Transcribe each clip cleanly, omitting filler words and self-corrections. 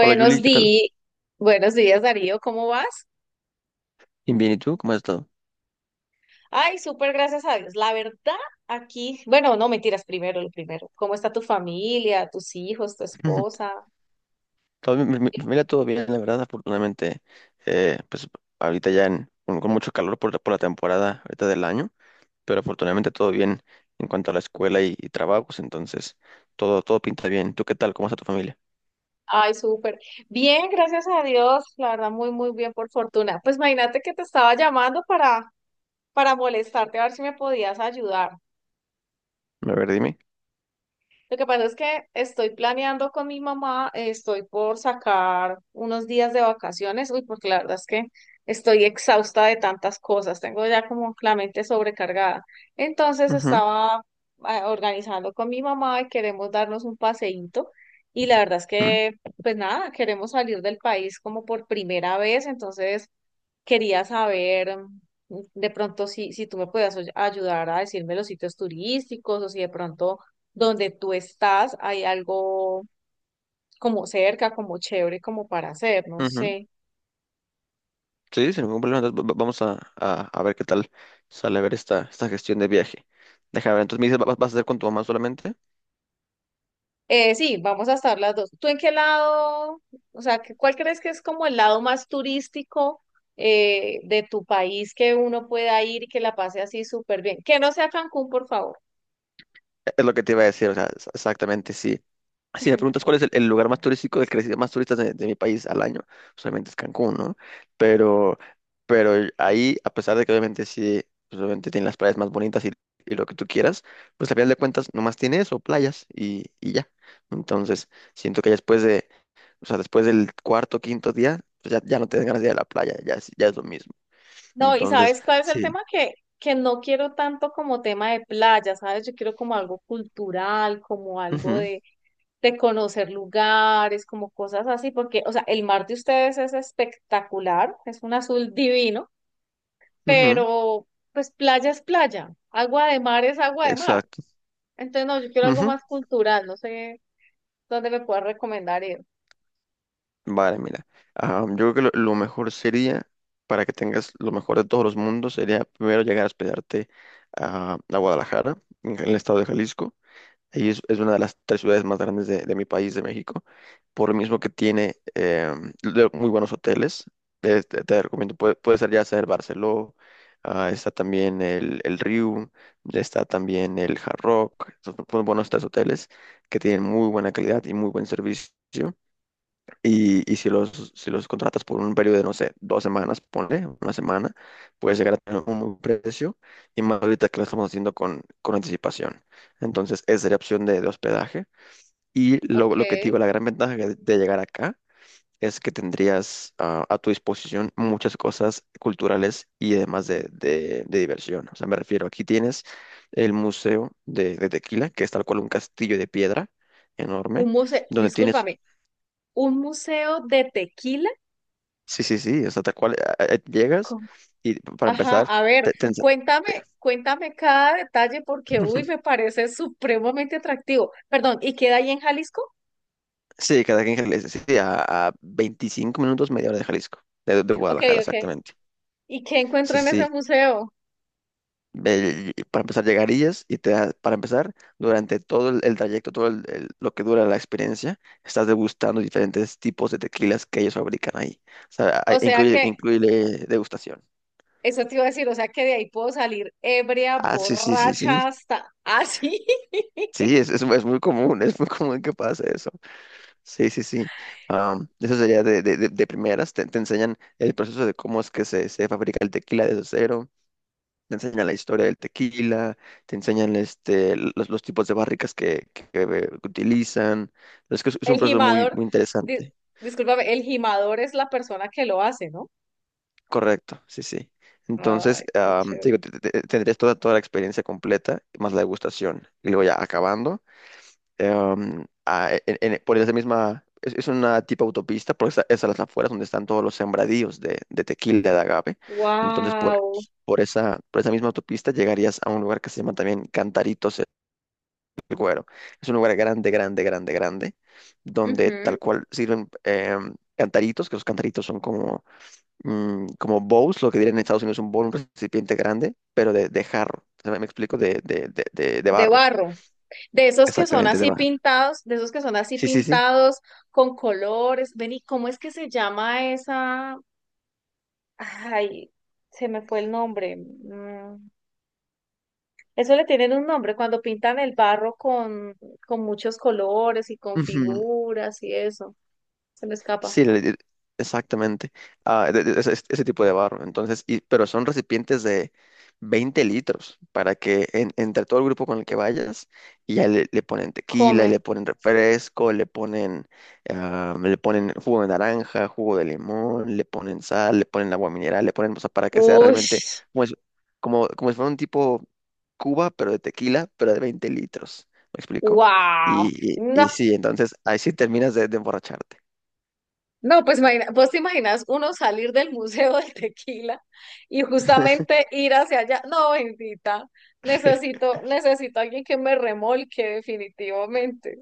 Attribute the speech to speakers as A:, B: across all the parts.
A: Hola Julie, ¿qué tal?
B: días, buenos días Darío, ¿cómo vas?
A: Bien, bien, ¿y tú? ¿Cómo has estado?
B: Ay, súper gracias a Dios. La verdad, aquí, bueno, no mentiras, primero lo primero. ¿Cómo está tu familia, tus hijos, tu esposa?
A: Todo bien, mi familia todo bien, la verdad, afortunadamente, pues ahorita ya con mucho calor por la temporada ahorita del año, pero afortunadamente todo bien en cuanto a la escuela y trabajos, entonces todo pinta bien. ¿Tú qué tal? ¿Cómo está tu familia?
B: Ay, súper. Bien, gracias a Dios, la verdad, muy, muy bien, por fortuna. Pues imagínate que te estaba llamando para molestarte, a ver si me podías ayudar.
A: A ver, dime.
B: Lo que pasa es que estoy planeando con mi mamá, estoy por sacar unos días de vacaciones, uy, porque la verdad es que estoy exhausta de tantas cosas, tengo ya como la mente sobrecargada. Entonces
A: Ujú,
B: estaba organizando con mi mamá y queremos darnos un paseíto y la verdad es
A: ujú,
B: que, pues nada, queremos salir del país como por primera vez, entonces quería saber de pronto si tú me puedas ayudar a decirme los sitios turísticos o si de pronto donde tú estás hay algo como cerca, como chévere, como para hacer, no
A: ujú.
B: sé.
A: Sí, sin ningún problema, entonces vamos a, ver qué tal sale a ver esta gestión de viaje. Déjame ver, entonces me dices, ¿vas a hacer con tu mamá solamente?
B: Sí, vamos a estar las dos. ¿Tú en qué lado, o sea, que- cuál crees que es como el lado más turístico de tu país que uno pueda ir y que la pase así súper bien? Que no sea Cancún, por favor.
A: Es lo que te iba a decir, o sea, exactamente, sí. Si me preguntas cuál es el lugar más turístico del que recibe más turistas de mi país al año, pues obviamente es Cancún, ¿no? Pero, pero ahí, a pesar de que obviamente sí, pues obviamente tiene las playas más bonitas y lo que tú quieras, pues al final de cuentas nomás tiene eso, playas y ya. Entonces, siento que ya después de, o sea, después del cuarto, quinto día, pues ya, ya no te dan ganas de ir a la playa, ya es lo mismo.
B: No, y
A: Entonces,
B: ¿sabes cuál es el
A: sí.
B: tema? Que no quiero tanto como tema de playa, ¿sabes? Yo quiero como algo cultural, como algo
A: Ujú,
B: de, conocer lugares, como cosas así, porque, o sea, el mar de ustedes es espectacular, es un azul divino,
A: ujú,
B: pero pues playa es playa, agua de mar es agua de mar.
A: exacto.
B: Entonces, no, yo quiero algo
A: Ujú,
B: más cultural, no sé dónde me puedas recomendar ir.
A: vale, mira, yo creo que lo mejor sería, para que tengas lo mejor de todos los mundos, sería primero llegar a hospedarte a Guadalajara, en el estado de Jalisco. Ahí es una de las tres ciudades más grandes de mi país, de México, por lo mismo que tiene muy buenos hoteles. Te, te recomiendo, puede, puede ser ya sea el Barceló, está también el Riu, está también el Hard Rock, son son buenos tres hoteles que tienen muy buena calidad y muy buen servicio. Y si los, si los contratas por un periodo de, no sé, dos semanas, ponle, una semana, puedes llegar a tener un buen precio y más ahorita que lo estamos haciendo con anticipación. Entonces, esa sería opción de hospedaje. Y
B: Ok.
A: lo que te digo, la gran ventaja de llegar acá es que tendrías a tu disposición muchas cosas culturales y además de, de diversión. O sea, me refiero, aquí tienes el Museo de Tequila, que es tal cual un castillo de piedra enorme
B: Un museo,
A: donde tienes.
B: discúlpame, un museo de tequila.
A: Sí, sí, sí, o sea, tal cual llegas y para
B: Ajá,
A: empezar,
B: a ver,
A: te, te ens-.
B: cuéntame, cuéntame cada detalle porque, uy, me parece supremamente atractivo. Perdón, ¿y queda ahí en Jalisco?
A: Sí, cada quien que le dice, sí, sí, a 25 minutos, media hora de Jalisco, de
B: Ok,
A: Guadalajara,
B: ok.
A: exactamente.
B: ¿Y qué encuentro
A: Sí,
B: en ese
A: sí,
B: museo?
A: para empezar llegarías y para empezar, durante todo el trayecto, todo lo que dura la experiencia, estás degustando diferentes tipos de tequilas que ellos fabrican ahí. O sea,
B: O sea
A: incluye,
B: que,
A: incluye degustación.
B: eso te iba a decir, o sea que de ahí puedo salir ebria,
A: Ah, sí, sí, sí, sí.
B: borracha, hasta así.
A: Sí, es muy común, es muy común que pase eso. Sí, sí, sí. Eso sería de, de primeras. Te enseñan el proceso de cómo es que se fabrica el tequila desde cero. Te enseñan la historia del tequila. Te enseñan este, los tipos de barricas que, que utilizan. Es que es un
B: El
A: proceso muy,
B: gimador,
A: muy
B: di-
A: interesante.
B: discúlpame, el gimador es la persona que lo hace, ¿no?
A: Correcto, sí, sí.
B: Ay,
A: Entonces,
B: qué
A: te
B: chévere.
A: digo, tendrías toda, toda la experiencia completa, más la degustación. Y luego ya acabando. Por esa misma, es una tipo autopista, por esa, es a las afueras donde están todos los sembradíos de tequila, de agave. Entonces,
B: Wow.
A: por esa misma autopista llegarías a un lugar que se llama también Cantaritos el Güero. Es un lugar grande, grande, grande, grande, donde tal cual sirven cantaritos, que los cantaritos son como, mm, como bowls, lo que dirían en Estados Unidos un bowl, un recipiente grande, pero de jarro. ¿Me explico? De, de
B: De
A: barro.
B: barro. De esos que son
A: Exactamente, de
B: así
A: barro.
B: pintados, de esos que son así
A: Sí, sí, sí.
B: pintados con colores. Ven, ¿y cómo es que se llama esa? Ay, se me fue el nombre. Eso le tienen un nombre cuando pintan el barro con muchos colores y con
A: Ujú.
B: figuras y eso. Se me escapa.
A: Sí, exactamente. Ah, ese, ese tipo de barro. Entonces, y, pero son recipientes de 20 litros para que entre todo el grupo con el que vayas, y ya le ponen tequila, y le
B: Comen.
A: ponen refresco, le ponen, le ponen jugo de naranja, jugo de limón, le ponen sal, le ponen agua mineral, le ponen, o sea, para que sea
B: Uy,
A: realmente como, como, como si fuera un tipo Cuba, pero de tequila, pero de 20 litros. ¿Me explico?
B: wow. No,
A: Y sí, entonces ahí sí terminas de emborracharte.
B: no, pues vos te imaginas uno salir del Museo del Tequila y justamente ir hacia allá. No, bendita, necesito, necesito alguien que me remolque definitivamente.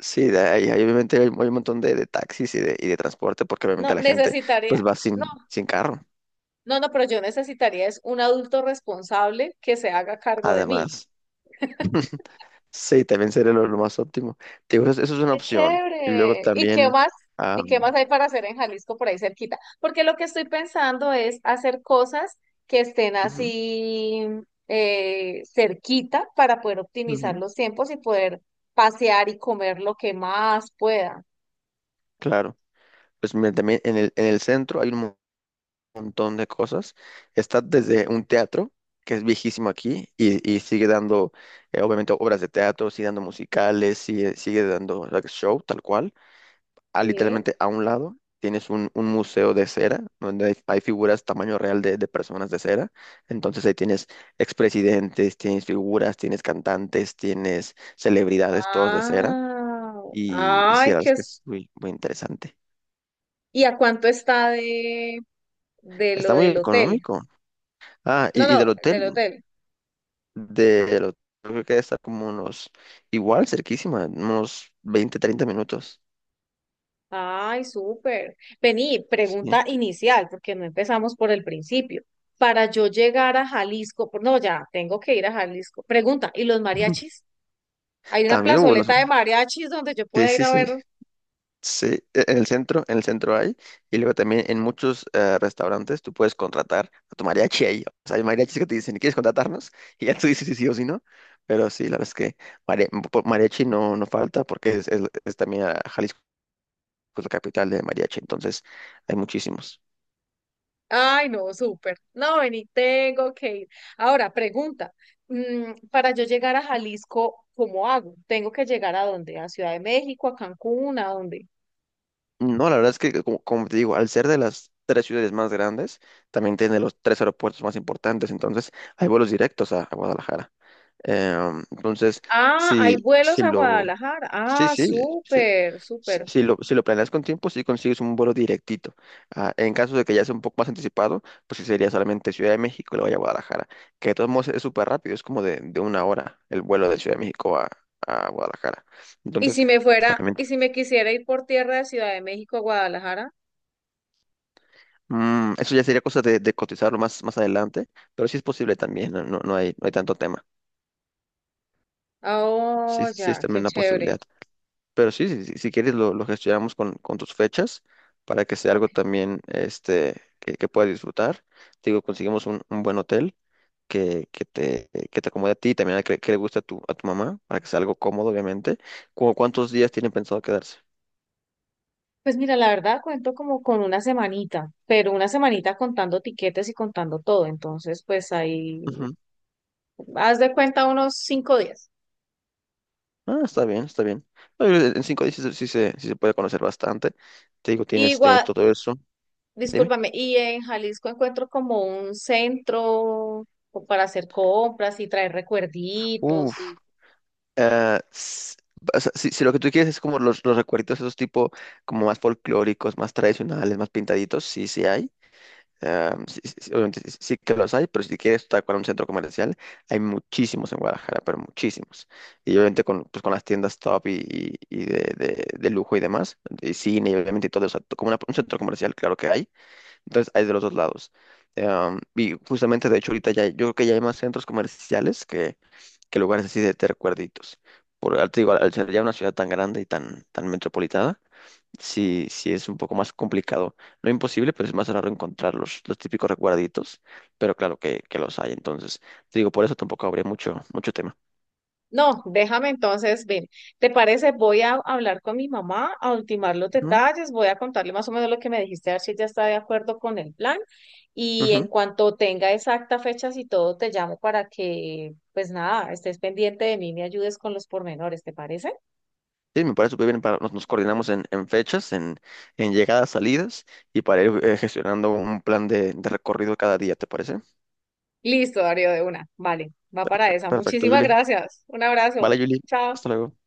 A: Sí, de ahí, ahí obviamente hay, hay un montón de taxis y de transporte, porque obviamente
B: No,
A: la gente pues va
B: no,
A: sin, sin carro,
B: no, no, pero yo necesitaría es un adulto responsable que se haga cargo de mí.
A: además. Sí, también sería lo más óptimo. Te digo, eso es una
B: Qué
A: opción. Y luego
B: chévere. ¿Y qué
A: también,
B: más? ¿Y qué
A: am,
B: más hay para hacer en Jalisco por ahí cerquita? Porque lo que estoy pensando es hacer cosas que estén
A: ujú,
B: así cerquita para poder optimizar
A: ujú,
B: los tiempos y poder pasear y comer lo que más pueda.
A: claro, pues mira, también en el centro hay un montón de cosas. Está desde un teatro, que es viejísimo aquí, y sigue dando, obviamente, obras de teatro, sigue dando musicales, sigue, sigue dando like, show, tal cual.
B: Sí.
A: Literalmente a un lado tienes un museo de cera, donde hay figuras tamaño real de personas de cera. Entonces ahí tienes expresidentes, tienes figuras, tienes cantantes, tienes celebridades, todos de cera.
B: Wow.
A: Y sí,
B: Ay,
A: la verdad
B: qué
A: es que
B: es-
A: es muy, muy interesante.
B: ¿Y a cuánto está de lo
A: Está muy
B: del hotel?
A: económico. Ah,
B: No,
A: y
B: no, del hotel.
A: del hotel creo que está como unos, igual, cerquísima, unos 20 30 minutos.
B: Ay, súper. Vení,
A: Sí.
B: pregunta inicial, porque no empezamos por el principio. Para yo llegar a Jalisco, por- no, ya, tengo que ir a Jalisco. Pregunta, ¿y los mariachis? Hay una
A: También hubo los...
B: plazoleta de mariachis donde yo
A: Sí,
B: pueda ir
A: sí,
B: a
A: sí.
B: ver.
A: Sí, en el centro hay, y luego también en muchos restaurantes tú puedes contratar a tu mariachi ahí. O sea, hay mariachis que te dicen, ¿quieres contratarnos? Y ya tú dices si sí o si no. Pero sí, la verdad es que mariachi no, no falta porque es, es también Jalisco es la capital de mariachi, entonces hay muchísimos.
B: Ay, no, súper. No, vení, tengo que ir. Ahora, pregunta, para yo llegar a Jalisco, ¿cómo hago? ¿Tengo que llegar a dónde? ¿A Ciudad de México, a Cancún, a dónde?
A: No, la verdad es que, como, como te digo, al ser de las tres ciudades más grandes, también tiene los tres aeropuertos más importantes, entonces hay vuelos directos a Guadalajara. Entonces,
B: Ah, hay
A: si,
B: vuelos
A: si
B: a
A: lo...
B: Guadalajara.
A: Sí,
B: Ah,
A: sí, sí.
B: súper,
A: Si
B: súper.
A: si lo, si lo planeas con tiempo, sí consigues un vuelo directito. Ah, en caso de que ya sea un poco más anticipado, pues sí sería solamente Ciudad de México y luego ya Guadalajara, que de todos modos es súper rápido, es como de una hora el vuelo de Ciudad de México a Guadalajara.
B: Y
A: Entonces,
B: si me fuera,
A: también,
B: y si me quisiera ir por tierra de Ciudad de México a Guadalajara,
A: mm, eso ya sería cosa de cotizarlo más, más adelante, pero sí es posible también, no, no, no hay, no hay tanto tema.
B: ah,
A: Sí,
B: oh,
A: sí es
B: ya,
A: también
B: qué
A: una
B: chévere.
A: posibilidad. Pero sí, si, si quieres lo gestionamos con tus fechas para que sea
B: Ok.
A: algo también este, que puedas disfrutar. Te digo, conseguimos un buen hotel que te acomode a ti y también a que le guste a tu mamá para que sea algo cómodo, obviamente. ¿Cómo cuántos días tienen pensado quedarse?
B: Pues mira, la verdad cuento como con una semanita, pero una semanita contando tiquetes y contando todo. Entonces, pues ahí,
A: Ujú.
B: haz de cuenta unos 5 días.
A: Ah, está bien, está bien. No, yo creo que en 5 días sí, se, sí se sí se puede conocer bastante. Te digo,
B: Y
A: tienes, tienes
B: Gua-
A: todo eso. Dime.
B: discúlpame, y en Jalisco encuentro como un centro o para hacer compras y traer recuerditos y
A: Ah, o sea, si, si lo que tú quieres es como los recuerditos, esos tipo como más folclóricos, más tradicionales, más pintaditos, sí, sí hay. Ah, sí, sí, obviamente sí, sí que los hay, pero si quieres tal cual un centro comercial, hay muchísimos en Guadalajara, pero muchísimos. Y obviamente con, pues, con las tiendas top y, y de, de lujo y demás, y cine y obviamente todo, o sea, como un centro comercial, claro que hay. Entonces hay de los dos lados. Ah, y justamente, de hecho, ahorita ya, yo creo que ya hay más centros comerciales que lugares así de recuerditos. Por, te digo, al ser ya una ciudad tan grande y tan, tan metropolitana, sí, sí es un poco más complicado. No imposible, pero es más raro encontrar los típicos recuerditos, pero claro que los hay. Entonces, te digo, por eso tampoco habría mucho, mucho tema.
B: no, déjame entonces, ven, ¿te parece? Voy a hablar con mi mamá, a ultimar los
A: Ujú,
B: detalles, voy a contarle más o menos lo que me dijiste, a ver si ella está de acuerdo con el plan y en
A: ujú.
B: cuanto tenga exacta fechas y todo, te llamo para que, pues nada, estés pendiente de mí, me ayudes con los pormenores, ¿te parece?
A: Sí, me parece súper bien. Para, nos, nos coordinamos en fechas, en llegadas, salidas y para ir gestionando un plan de recorrido cada día, ¿te parece?
B: Listo, Darío, de una. Vale, va para
A: Perfecto,
B: esa.
A: perfecto,
B: Muchísimas
A: Julie.
B: gracias. Un
A: Vale,
B: abrazo.
A: Julie.
B: Chao.
A: Hasta luego.